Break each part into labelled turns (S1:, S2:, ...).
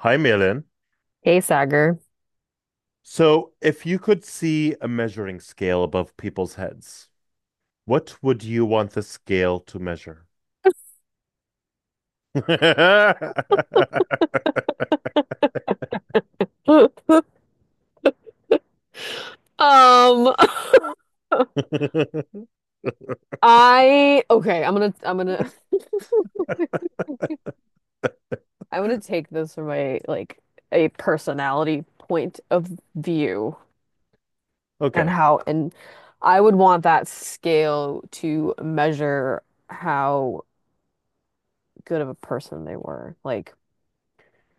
S1: Hi, Malin.
S2: Hey, Sagar.
S1: So, if you could see a measuring scale above people's heads, what would you want the scale to measure?
S2: Um, I okay, I'm gonna take this from a like a personality point of view, and
S1: Okay.
S2: how and I would want that scale to measure how good of a person they were. Like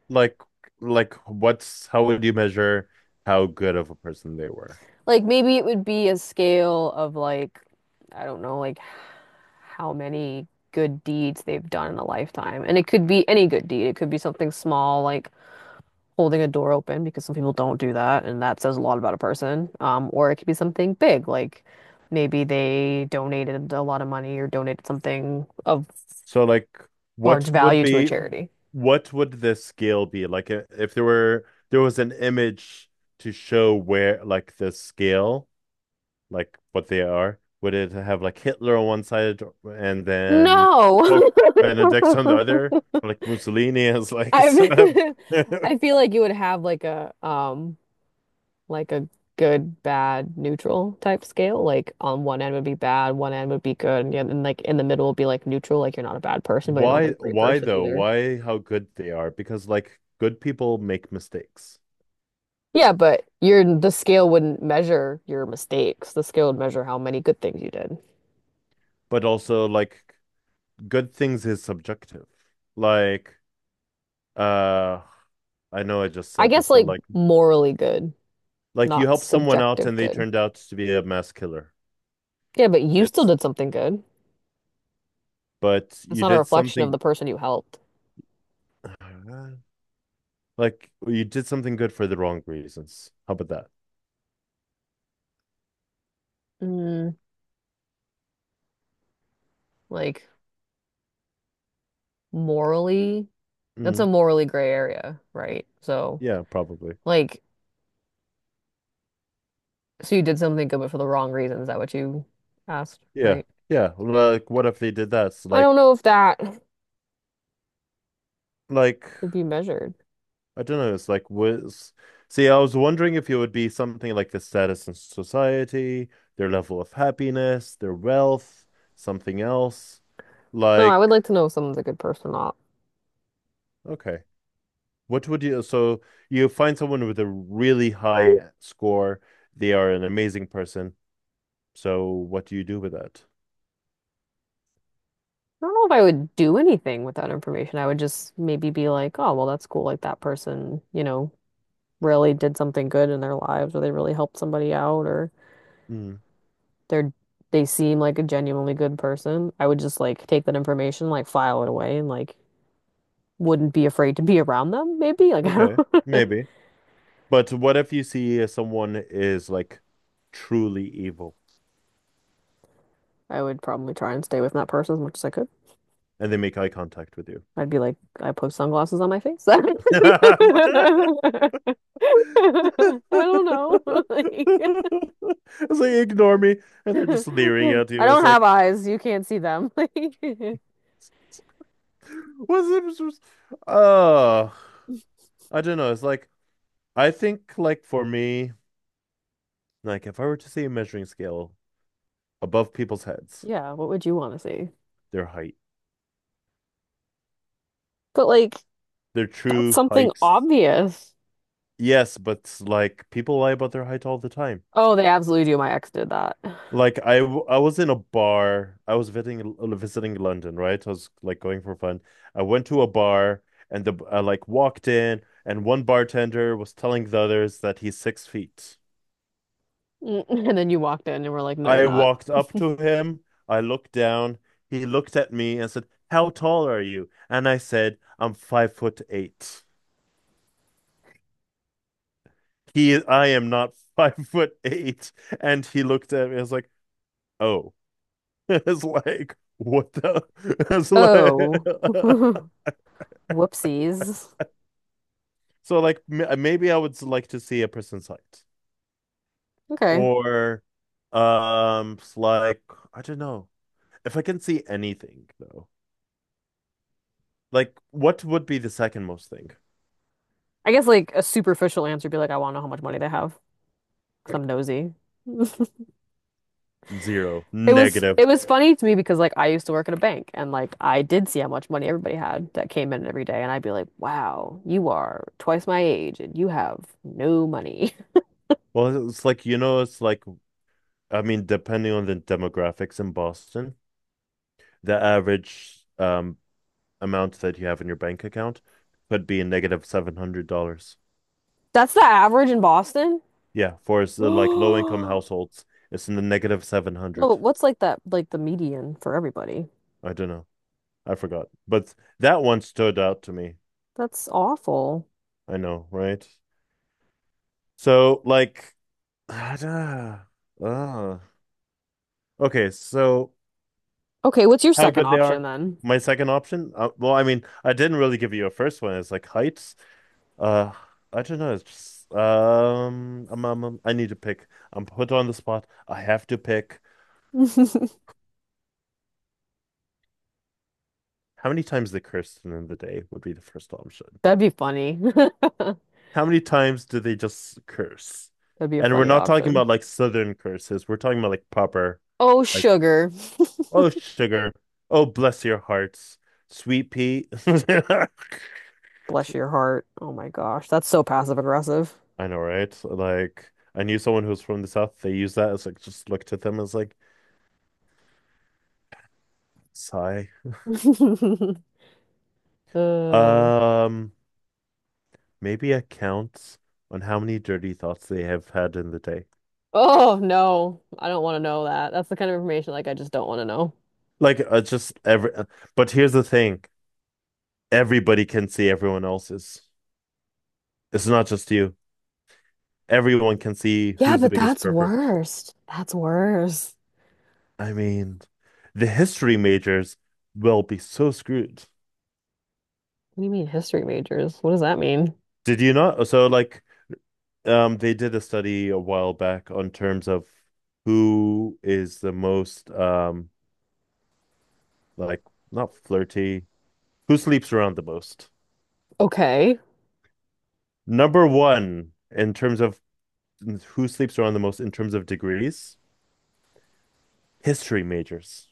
S1: Like, like, what's how would you measure how good of a person they were?
S2: like maybe it would be a scale of like I don't know, like how many good deeds they've done in a lifetime. And it could be any good deed. It could be something small like holding a door open, because some people don't do that, and that says a lot about a person. Or it could be something big, like maybe they donated a lot of money or donated something of
S1: So, like,
S2: large
S1: what would
S2: value to a
S1: be,
S2: charity.
S1: what would the scale be? Like, I- if there were, there was an image to show where, like, the scale. Like what they are? Would it have like Hitler on one side and then
S2: No.
S1: Pope Benedict on the other, or, like Mussolini as like
S2: I've
S1: so-
S2: I feel like you would have like a good, bad, neutral type scale. Like on one end would be bad, one end would be good, and, and like in the middle would be like neutral, like you're not a bad person, but you're not like
S1: why
S2: a great
S1: why
S2: person
S1: though?
S2: either.
S1: Why how good they are? Because like good people make mistakes,
S2: Yeah, but your the scale wouldn't measure your mistakes. The scale would measure how many good things you did.
S1: but also like good things is subjective. Like uh I know I just
S2: I
S1: said
S2: guess
S1: this, but
S2: like morally good,
S1: like you
S2: not
S1: help someone out
S2: subjective
S1: and they
S2: good.
S1: turned out to be a mass killer.
S2: Yeah, but you still
S1: It's
S2: did something good.
S1: But
S2: It's
S1: you
S2: not a
S1: did
S2: reflection of
S1: something.
S2: the person you helped.
S1: Like well, you did something good for the wrong reasons. How about that?
S2: Mm, like morally, that's
S1: Mm,
S2: a morally gray area, right? So
S1: yeah, probably.
S2: like, so you did something good, but for the wrong reason. Is that what you asked,
S1: Yeah,
S2: right?
S1: yeah. Like, what if they did that? So,
S2: I
S1: like,
S2: don't know if that
S1: like
S2: could be measured.
S1: I don't know. It's like was. See, I was wondering if it would be something like the status in society, their level of happiness, their wealth, something else.
S2: No, I would
S1: Like,
S2: like to know if someone's a good person or not.
S1: okay, what would you? So you find someone with a really high score. They are an amazing person. So what do you do with that?
S2: I don't know if I would do anything with that information. I would just maybe be like, oh, well, that's cool. Like that person, you know, really did something good in their lives, or they really helped somebody out, or
S1: Mm,
S2: they're they seem like a genuinely good person. I would just like take that information, like file it away, and like wouldn't be afraid to be around them, maybe. Like I
S1: okay,
S2: don't.
S1: maybe. But what if you see someone is like truly evil
S2: I would probably try and stay with that person as much as I could.
S1: and they make eye contact with you?
S2: I'd be like, I put sunglasses on my face. I don't know. Like,
S1: It's like ignore me, and they're just leering at
S2: I
S1: you. It's
S2: don't
S1: like,
S2: have eyes. You can't see them. Like,
S1: what's it? Oh, I don't know. It's like, I think, like, for me, like, if I were to see a measuring scale above people's heads,
S2: yeah, what would you want to see?
S1: their height,
S2: But like,
S1: their
S2: that's
S1: true
S2: something
S1: heights.
S2: obvious.
S1: Yes, but like, people lie about their height all the time.
S2: Oh, they absolutely do. My ex did that.
S1: Like I was in a bar. I was visiting London, right? I was like going for fun. I went to a bar, and the I like walked in and one bartender was telling the others that he's 6 feet.
S2: And then you walked in and were like, no, you're
S1: I
S2: not.
S1: walked up to him. I looked down. He looked at me and said, "How tall are you?" And I said, "I'm 5'8"." He I am not 5'8". And he looked at me. I was like, "Oh." It's like, what the? It's
S2: Oh.
S1: like.
S2: Whoopsies.
S1: So like maybe I would like to see a prison site
S2: Okay.
S1: or like I don't know. If I can see anything though. Like what would be the second most thing?
S2: I guess like a superficial answer would be like, I want to know how much money they have, because I'm nosy.
S1: Zero.
S2: It was
S1: Negative.
S2: it was funny to me, because like I used to work at a bank, and like I did see how much money everybody had that came in every day, and I'd be like, "Wow, you are twice my age and you have no money."
S1: Well, it's like it's like I mean depending on the demographics in Boston, the average amount that you have in your bank account could be a $700.
S2: That's the average in Boston?
S1: Yeah, for like low income households, it's in the negative
S2: No, but
S1: 700.
S2: what's like that like the median for everybody?
S1: I don't know. I forgot. But that one stood out to me.
S2: That's awful.
S1: I know, right? So like ah, ah, okay, so
S2: Okay, what's your
S1: how
S2: second
S1: good they
S2: option
S1: are.
S2: then?
S1: My second option, well, I mean, I didn't really give you a first one. It's like heights. Uh, I don't know. It's just, I need to pick. I'm put on the spot. I have to pick. How many times they curse in the day would be the first option.
S2: That'd be funny. That'd
S1: How many times do they just curse?
S2: be a
S1: And we're
S2: funny
S1: not talking
S2: option.
S1: about like southern curses. We're talking about like proper.
S2: Oh,
S1: Like,
S2: sugar.
S1: oh, sugar. Oh, bless your hearts. Sweet pea. I
S2: Bless your heart. Oh my gosh, that's so passive aggressive.
S1: know, right? Like, I knew someone who's from the South. They use that as like, just looked at them as like, sigh.
S2: Uh,
S1: Um, Maybe a count on how many dirty thoughts they have had in the day.
S2: Oh no, I don't want to know that. That's the kind of information like I just don't want to know.
S1: Like, just every, but here's the thing. Everybody can see everyone else's. It's not just you. Everyone can see
S2: Yeah,
S1: who's the
S2: but
S1: biggest
S2: that's
S1: pervert.
S2: worst. That's worse.
S1: I mean, the history majors will be so screwed.
S2: What do you mean history majors? What does that mean?
S1: Did you not? So like they did a study a while back on terms of who is the most like not flirty, who sleeps around the most.
S2: Okay.
S1: Number one in terms of who sleeps around the most in terms of degrees, history majors.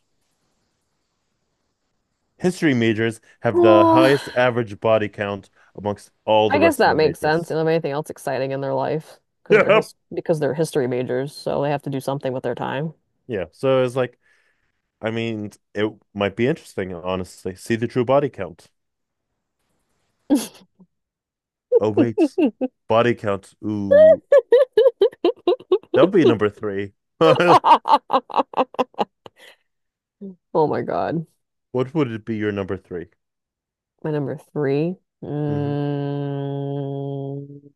S1: History majors have the
S2: Well,
S1: highest average body count amongst all
S2: I
S1: the
S2: guess
S1: rest of
S2: that
S1: the
S2: makes sense. They
S1: majors.
S2: don't have anything else exciting in their life because they're history majors, so they have to do something with their time.
S1: Yeah, so it's like I mean, it might be interesting, honestly. See the true body count. Oh wait, body count. Ooh, that would be number 3.
S2: Oh my God.
S1: What would it be your number 3?
S2: My number three.
S1: Hmm.
S2: Mm,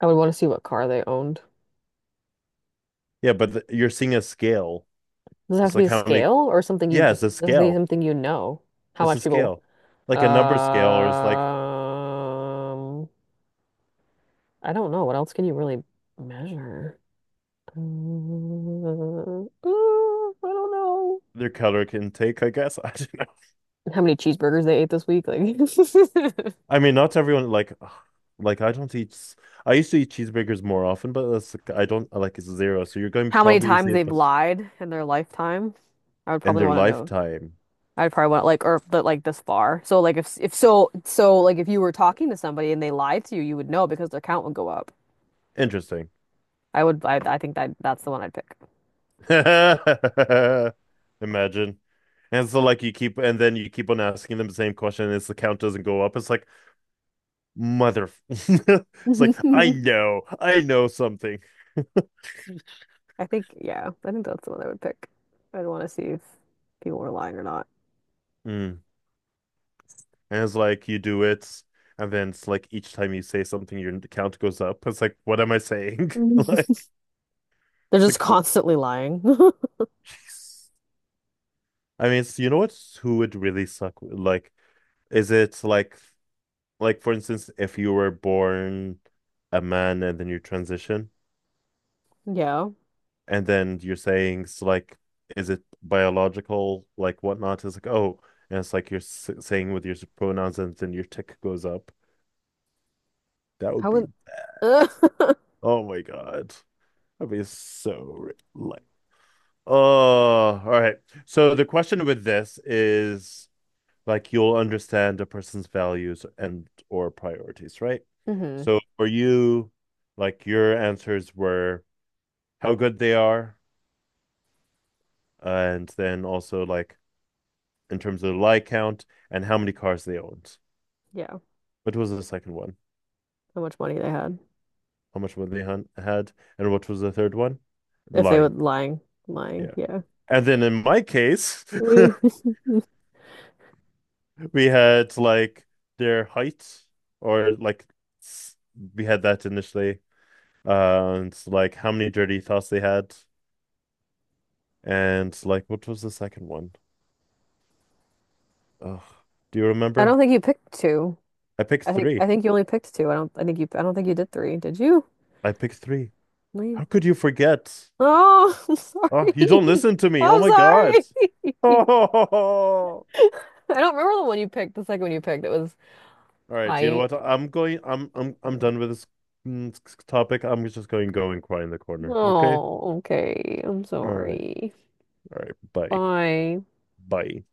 S2: I would want to see what car they owned.
S1: Yeah, but the, you're seeing a scale.
S2: Does it have
S1: It's
S2: to be
S1: like
S2: a
S1: how many?
S2: scale, or something you
S1: Yeah, it's
S2: just,
S1: a
S2: does it have to be
S1: scale.
S2: something you know? How
S1: It's
S2: much
S1: a
S2: people?
S1: scale, like a number scale, or it's like
S2: Um, I don't know. What else can you really measure? I don't know.
S1: their color can take. I guess I don't know.
S2: How many cheeseburgers they ate this week? Like,
S1: I mean, not everyone like, ugh, like I don't eat. I used to eat cheeseburgers more often, but that's, like, I don't like it's zero. So you're going
S2: how many
S1: probably
S2: times
S1: see it
S2: they've lied in their lifetime? I would
S1: in
S2: probably
S1: their
S2: want to know.
S1: lifetime.
S2: I'd probably want like, or but like this far. So like, if so, so like if you were talking to somebody and they lied to you, you would know because their count would go up.
S1: Interesting.
S2: I think that that's the one I'd pick.
S1: Imagine. And so like you keep and then you keep on asking them the same question, and it's the count doesn't go up. It's like mother it's like I
S2: I
S1: know, I know something.
S2: think, yeah, I think that's the one I would pick. I'd want to see if people were lying or not.
S1: Mm. And it's like you do it, and then it's like each time you say something your count goes up. It's like what am I saying? Like
S2: They're
S1: it's
S2: just
S1: like
S2: constantly lying.
S1: jeez. I mean it's, you know what? Who would really suck like is it like for instance if you were born a man and then you transition
S2: Yeah.
S1: and then you're saying it's like is it biological like whatnot it's like oh, and it's like you're saying with your pronouns and then your tick goes up, that would
S2: How
S1: be
S2: would,
S1: bad. Oh my God, that'd be so like. Oh, all right, so the question with this is like you'll understand a person's values and or priorities, right?
S2: hmm.
S1: So for you, like your answers were how good they are, and then also like in terms of the lie count and how many cars they owned.
S2: Yeah.
S1: What was the second one?
S2: How much money they had.
S1: How much money they had, and what was the third one?
S2: If they would
S1: Lying.
S2: lying, lying.
S1: Yeah.
S2: Yeah.
S1: And then in my case, we had like their height or like we had that initially. And like how many dirty thoughts they had, and like what was the second one? Oh, do you
S2: I don't
S1: remember?
S2: think you picked two.
S1: I picked three.
S2: I think you only picked two. I don't, I think you, I don't think you did three. Did you?
S1: I picked three.
S2: No, you-
S1: How could you forget?
S2: Oh, I'm
S1: Oh, you don't
S2: sorry.
S1: listen to me. Oh
S2: I'm
S1: my God.
S2: sorry.
S1: Oh.
S2: I don't remember the one you picked, the second one you picked. It was
S1: All right. You know
S2: height.
S1: what? I'm going. I'm done with this topic. I'm just going to go and cry in the corner. Okay.
S2: Oh, okay. I'm
S1: All right.
S2: sorry.
S1: All right. Bye.
S2: Bye.
S1: Bye.